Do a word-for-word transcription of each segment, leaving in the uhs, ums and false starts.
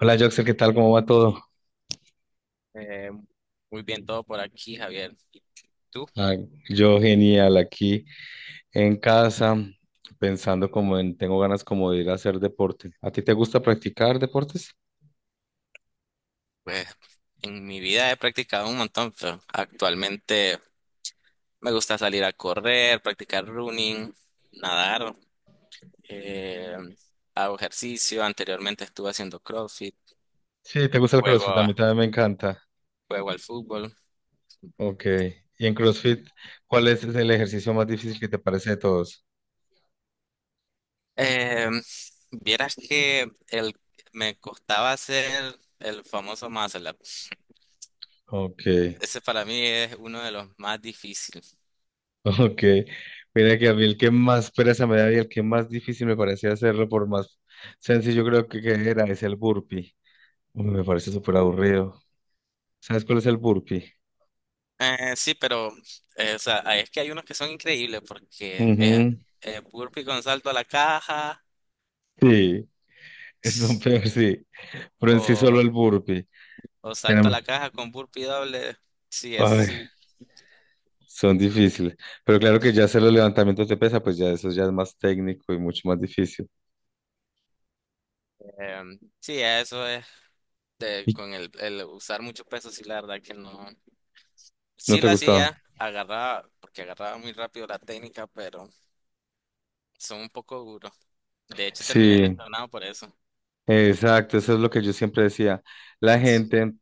Hola, Joxer, ¿qué tal? ¿Cómo va todo? Eh, Muy bien todo por aquí, Javier. ¿Y tú? Ah, yo genial, aquí en casa, pensando como en, tengo ganas como de ir a hacer deporte. ¿A ti te gusta practicar deportes? Pues en mi vida he practicado un montón, pero actualmente me gusta salir a correr, practicar running, nadar, eh, hago ejercicio. Anteriormente estuve haciendo CrossFit, Sí, te gusta el juego, CrossFit, a a- mí también me encanta. juego al fútbol. Ok, y en CrossFit, ¿cuál es el ejercicio más difícil que te parece de todos? Eh, Vieras que el, me costaba hacer el famoso muscle up. Ok, Ese para mí es uno de los más difíciles. ok. Mira que a mí el que más pereza me da y el que más difícil me parecía hacerlo, por más sencillo creo que, que era, es el burpee. Uy, me parece súper aburrido. ¿Sabes cuál es el burpee? Eh, sí, pero eh, o sea, es que hay unos que son increíbles porque eh, Ujú. eh, burpee con salto a la caja. Sí, esos son ts, peores, sí. Pero en sí solo o, el burpee. o salto a la Tenemos, caja con burpee doble. Sí, eso sí. ay, son difíciles. Pero claro que ya hacer los levantamientos de pesa, pues ya eso ya es más técnico y mucho más difícil. Em, sí, eso es de, ¿Y con el, el usar mucho peso, sí, la verdad que no. ¿No Sí te lo gustaba? hacía, agarraba, porque agarraba muy rápido la técnica, pero son un poco duros. De hecho, terminé Sí, lesionado por eso. exacto, eso es lo que yo siempre decía. La Sí. gente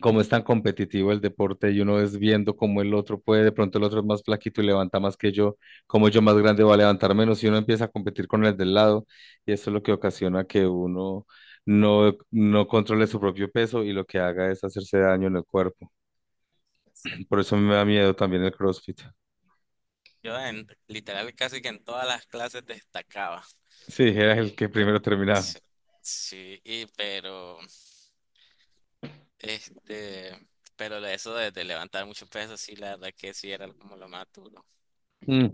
como es tan competitivo el deporte y uno es viendo cómo el otro puede, de pronto el otro es más flaquito y levanta más que yo, como yo más grande va a levantar menos y uno empieza a competir con el del lado y eso es lo que ocasiona que uno no, no controle su propio peso y lo que haga es hacerse daño en el cuerpo. Por eso me da miedo también el CrossFit. Yo en, literal casi que en todas las clases destacaba. Sí, era el que Pe- primero terminaba. Sí, sí, y pero, este, pero de eso de, de levantar mucho peso, sí, la verdad que sí era como lo más duro. Mm.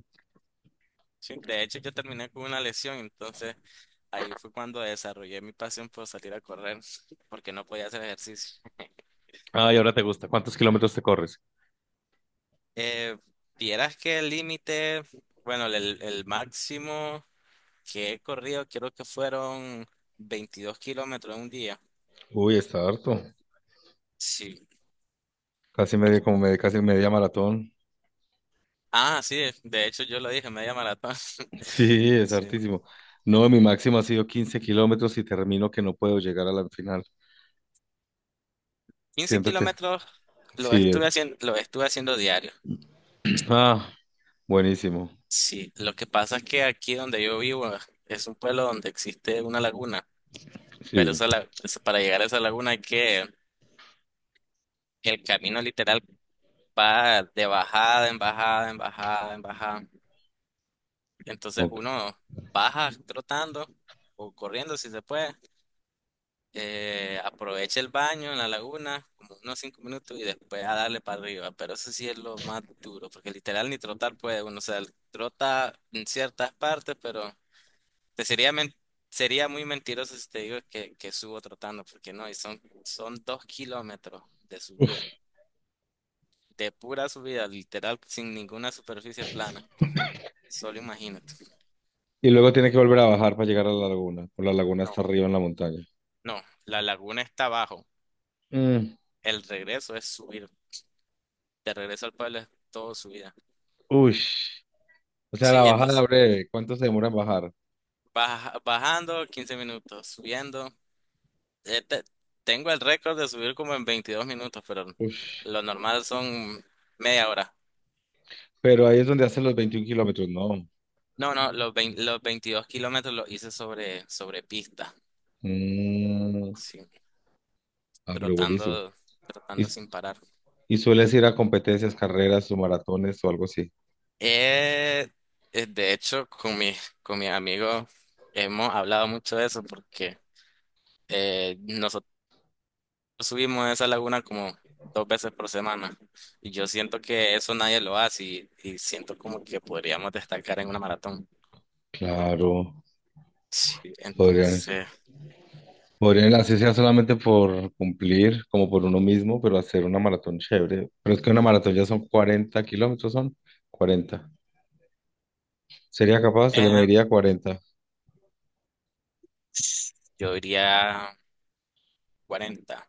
Sí, de hecho, yo terminé con una lesión, entonces ahí fue cuando desarrollé mi pasión por salir a correr, porque no podía hacer ejercicio. Ay, ahora te gusta. ¿Cuántos kilómetros te corres? Eh, Vieras que el límite, bueno, el, el máximo que he corrido, creo que fueron veintidós kilómetros en un día. Uy, está harto. Sí. Casi medio, como medio, casi media maratón. Ah, sí, de hecho yo lo dije, media maratón. Sí, es Sí. hartísimo. No, mi máximo ha sido quince kilómetros y termino que no puedo llegar a la final. quince Siento que kilómetros lo sí. eh, estuve haciendo, lo estuve haciendo diario. Ah, buenísimo. Sí, lo que pasa es que aquí donde yo vivo es un pueblo donde existe una laguna, pero Sí. esa la- es- para llegar a esa laguna hay que el camino literal va de bajada en bajada en bajada en bajada. Entonces Ok. uno baja trotando o corriendo si se puede. Eh, aprovecha el baño en la laguna, como unos cinco minutos, y después a darle para arriba. Pero eso sí es lo más duro, porque literal ni trotar puede uno. O sea, trota en ciertas partes, pero te sería, men- sería muy mentiroso si te digo que, que subo trotando, porque no, y son, son dos kilómetros de subida, de pura subida, literal, sin ninguna superficie plana. Solo imagínate. Y luego tiene que volver a bajar para llegar a la laguna. O la laguna está arriba en la montaña. No, la laguna está abajo. Mm, El regreso es subir. De regreso al pueblo es todo subida. ush. O sea, la Sí, bajada entonces breve. ¿Cuánto se demora en bajar? Baja- bajando quince minutos, subiendo. Eh, te- Tengo el récord de subir como en veintidós minutos, pero Ush. lo normal son media hora. Pero ahí es donde hacen los veintiuno kilómetros, ¿no? No, no, los, vein- los veintidós kilómetros los hice sobre, sobre pista, Mm, sí, ah, pero buenísimo. trotando, ¿Y, trotando sin parar. y sueles ir a competencias, carreras o maratones o algo así? Eh, eh, de hecho, con mis, con mis amigos hemos hablado mucho de eso porque eh, nosotros subimos a esa laguna como dos veces por semana. Y yo siento que eso nadie lo hace y, y siento como que podríamos destacar en una maratón. Claro. Sí, Podrían. entonces, Podrían, así sea solamente por cumplir, como por uno mismo, pero hacer una maratón chévere. Pero es que una maratón ya son cuarenta kilómetros, son cuarenta. ¿Sería capaz? Se le eh, mediría cuarenta, yo diría cuarenta.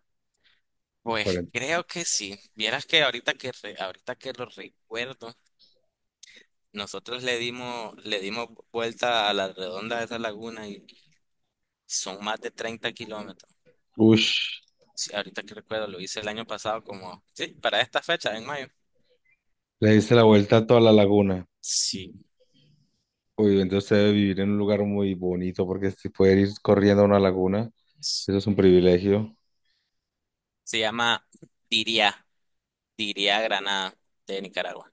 Pues cuarenta. creo que sí. Vieras que ahorita que re- ahorita que lo recuerdo, nosotros le dimos le dimos vuelta a la redonda de esa laguna y son más de treinta kilómetros. Ush, Sí, ahorita que recuerdo, lo hice el año pasado como, sí, para esta fecha, en mayo. le diste la vuelta a toda la laguna. Sí. Uy, entonces debe vivir en un lugar muy bonito, porque si puede ir corriendo a una laguna, Sí. eso es un privilegio. Se llama Tiria, Tiria Granada de Nicaragua.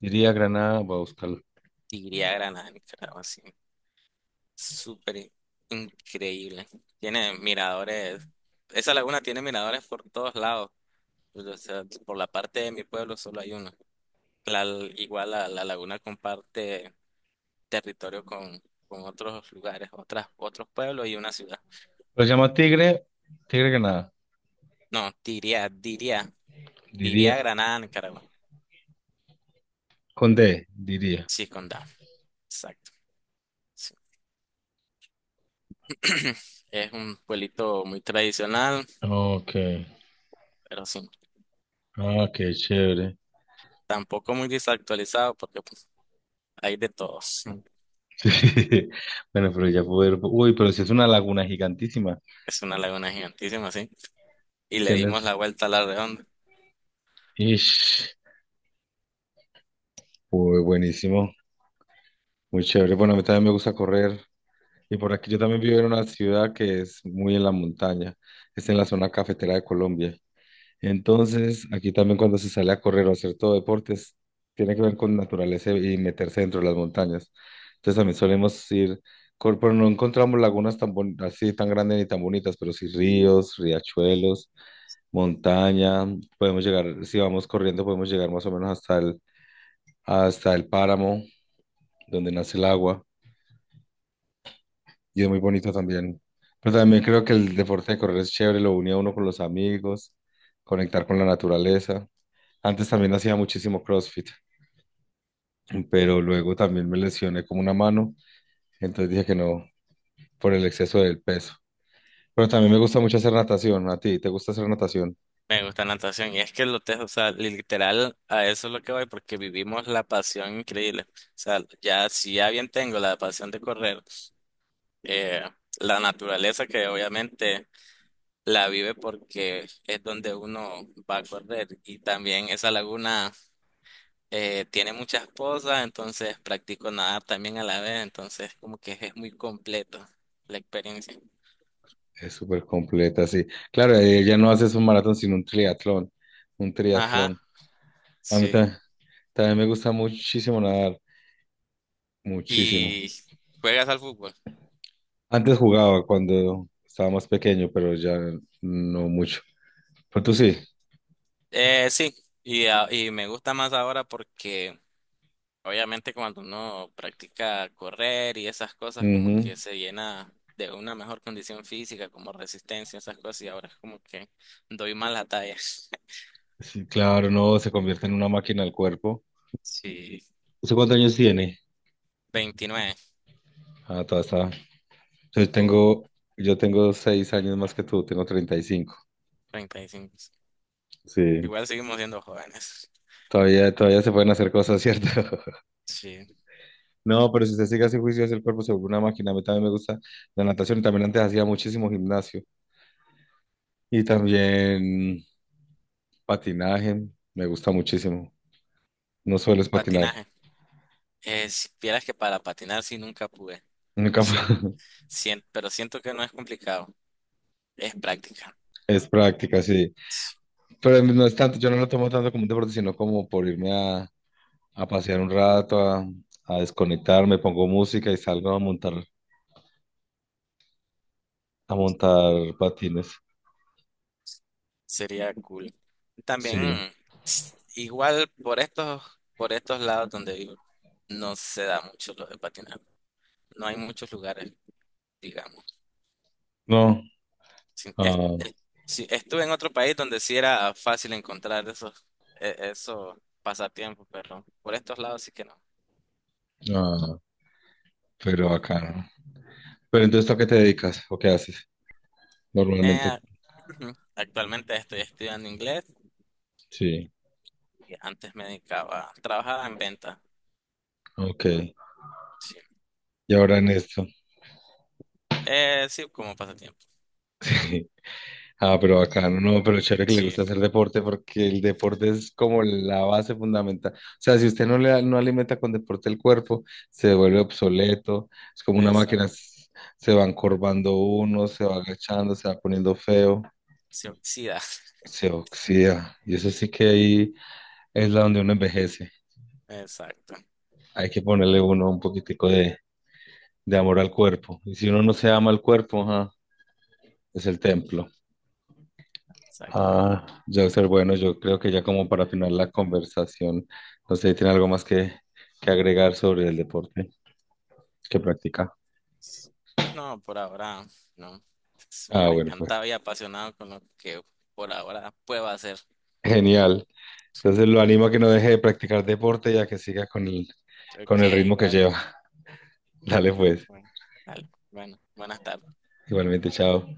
Diría Granada, voy a buscarlo. Tiria Granada de Nicaragua, sí. Súper in- increíble. Tiene miradores. Esa laguna tiene miradores por todos lados. Pues, o sea, por la parte de mi pueblo solo hay uno. La- Igual la, la laguna comparte territorio con, con otros lugares, otras, otros pueblos y una ciudad. Lo llama Tigre, Tigre Granada. No, Tiria, Tiria, Tiria Diría, Granada, Nicaragua. con D, diría. Sí, con condado. Exacto. Sí. Es un pueblito muy tradicional, Ok, pero sí, ah, qué chévere. tampoco muy desactualizado porque pues, hay de todos. Bueno, pero ya poder. Uy, pero si es una laguna gigantísima. Es una laguna gigantísima, sí. Y le dimos Tienes. la vuelta a la redonda. Ish. Uy, buenísimo. Muy chévere. Bueno, a mí también me gusta correr. Y por aquí yo también vivo en una ciudad que es muy en la montaña. Es en la zona cafetera de Colombia. Entonces, aquí también cuando se sale a correr o hacer todo deportes, tiene que ver con naturaleza y meterse dentro de las montañas. Entonces también solemos ir, cor- pero no encontramos lagunas tan bon- así tan grandes ni tan bonitas, pero sí ríos, riachuelos, montaña. Podemos llegar, si vamos corriendo, podemos llegar más o menos hasta el, hasta el páramo donde nace el agua y es muy bonito también. Pero también creo que el deporte de correr es chévere, lo une a uno con los amigos, conectar con la naturaleza. Antes también hacía muchísimo CrossFit, pero luego también me lesioné como una mano, entonces dije que no, por el exceso del peso. Pero también me gusta mucho hacer natación. ¿A ti te gusta hacer natación? Me gusta la natación. Y es que lo te, o sea, literal, a eso es lo que voy, porque vivimos la pasión increíble. O sea, ya si ya bien tengo la pasión de correr, eh, la naturaleza que obviamente la vive porque es donde uno va a correr. Y también esa laguna. Eh, tiene muchas cosas, entonces practico nadar también a la vez, entonces como que es muy completo la experiencia. Es súper completa, sí. Claro, eh, ya no haces un maratón, sino un triatlón. Un Ajá, triatlón. A mí sí. ta- también, me gusta muchísimo nadar, muchísimo. ¿Y juegas al fútbol? Antes jugaba cuando estaba más pequeño, pero ya no mucho. Pero tú sí. Eh, sí, y, a- y me gusta más ahora porque obviamente cuando uno practica correr y esas cosas como Ujú. que se llena de una mejor condición física, como resistencia, esas cosas, y ahora es como que doy más la talla. Sí, claro, no, se convierte en una máquina el cuerpo. Sí, ¿Usted cuántos años tiene? veintinueve. Ah, todavía está. Yo ¿Tú? tengo, yo tengo seis años más que tú, tengo treinta y cinco. Treinta y cinco. Sí, Igual seguimos siendo jóvenes. todavía, todavía se pueden hacer cosas, ¿cierto? Sí, No, pero si usted sigue así juicioso, el cuerpo se vuelve una máquina. A mí también me gusta la natación y también antes hacía muchísimo gimnasio. Y también patinaje, me gusta muchísimo. No suelo es patinar. patinaje. Es, vieras que para patinar sí nunca pude. Lo Nunca siento, fue- siento, pero siento que no es complicado. Es práctica. es práctica, sí. Sí, Pero no es tanto, yo no lo tomo tanto como un deporte, sino como por irme a, a pasear un rato, a, a desconectarme, pongo música y salgo a montar, a montar patines. sería cool. También, Sí. mm, igual por estos, por estos lados donde vivo, no se da mucho lo de patinar. No hay muchos lugares, digamos. No. Sí, es- Ah, es- sí, estuve en otro país donde sí era fácil encontrar esos, e- esos pasatiempos, pero por estos lados sí que no. ah, pero acá no. Pero entonces, ¿tú a qué te dedicas o qué haces normalmente? Eh, Ujú. Actualmente estoy estudiando inglés Sí. y antes me dedicaba, trabajaba en venta. Ok. Sí. Y ahora en ¿Tú? esto. Eh, sí, como pasatiempo. Ah, pero acá no, pero chévere que le Sí, gusta hacer deporte porque el deporte es como la base fundamental. O sea, si usted no le no alimenta con deporte el cuerpo, se vuelve obsoleto, es como una máquina, exacto. s- se va encorvando uno, se va agachando, se va poniendo feo, Se oxida. se oxida. Y eso sí que ahí es la donde uno envejece. Exacto, Hay que ponerle uno un poquitico de, de amor al cuerpo. Y si uno no se ama al cuerpo, ajá, es el templo. exacto. Ah, Joxer, bueno, yo creo que ya como para finalizar la conversación, no sé, si ¿tiene algo más que, que agregar sobre el deporte que practica? Pues no, por ahora, no. Ah, Súper bueno, pues encantado y apasionado con lo que por ahora puedo hacer. genial. Sí. Entonces lo animo a que no deje de practicar deporte y a que siga con el, con Ok, el ritmo que igual. lleva. Dale pues, Bueno, dale. Bueno, buenas tardes. igualmente, chao.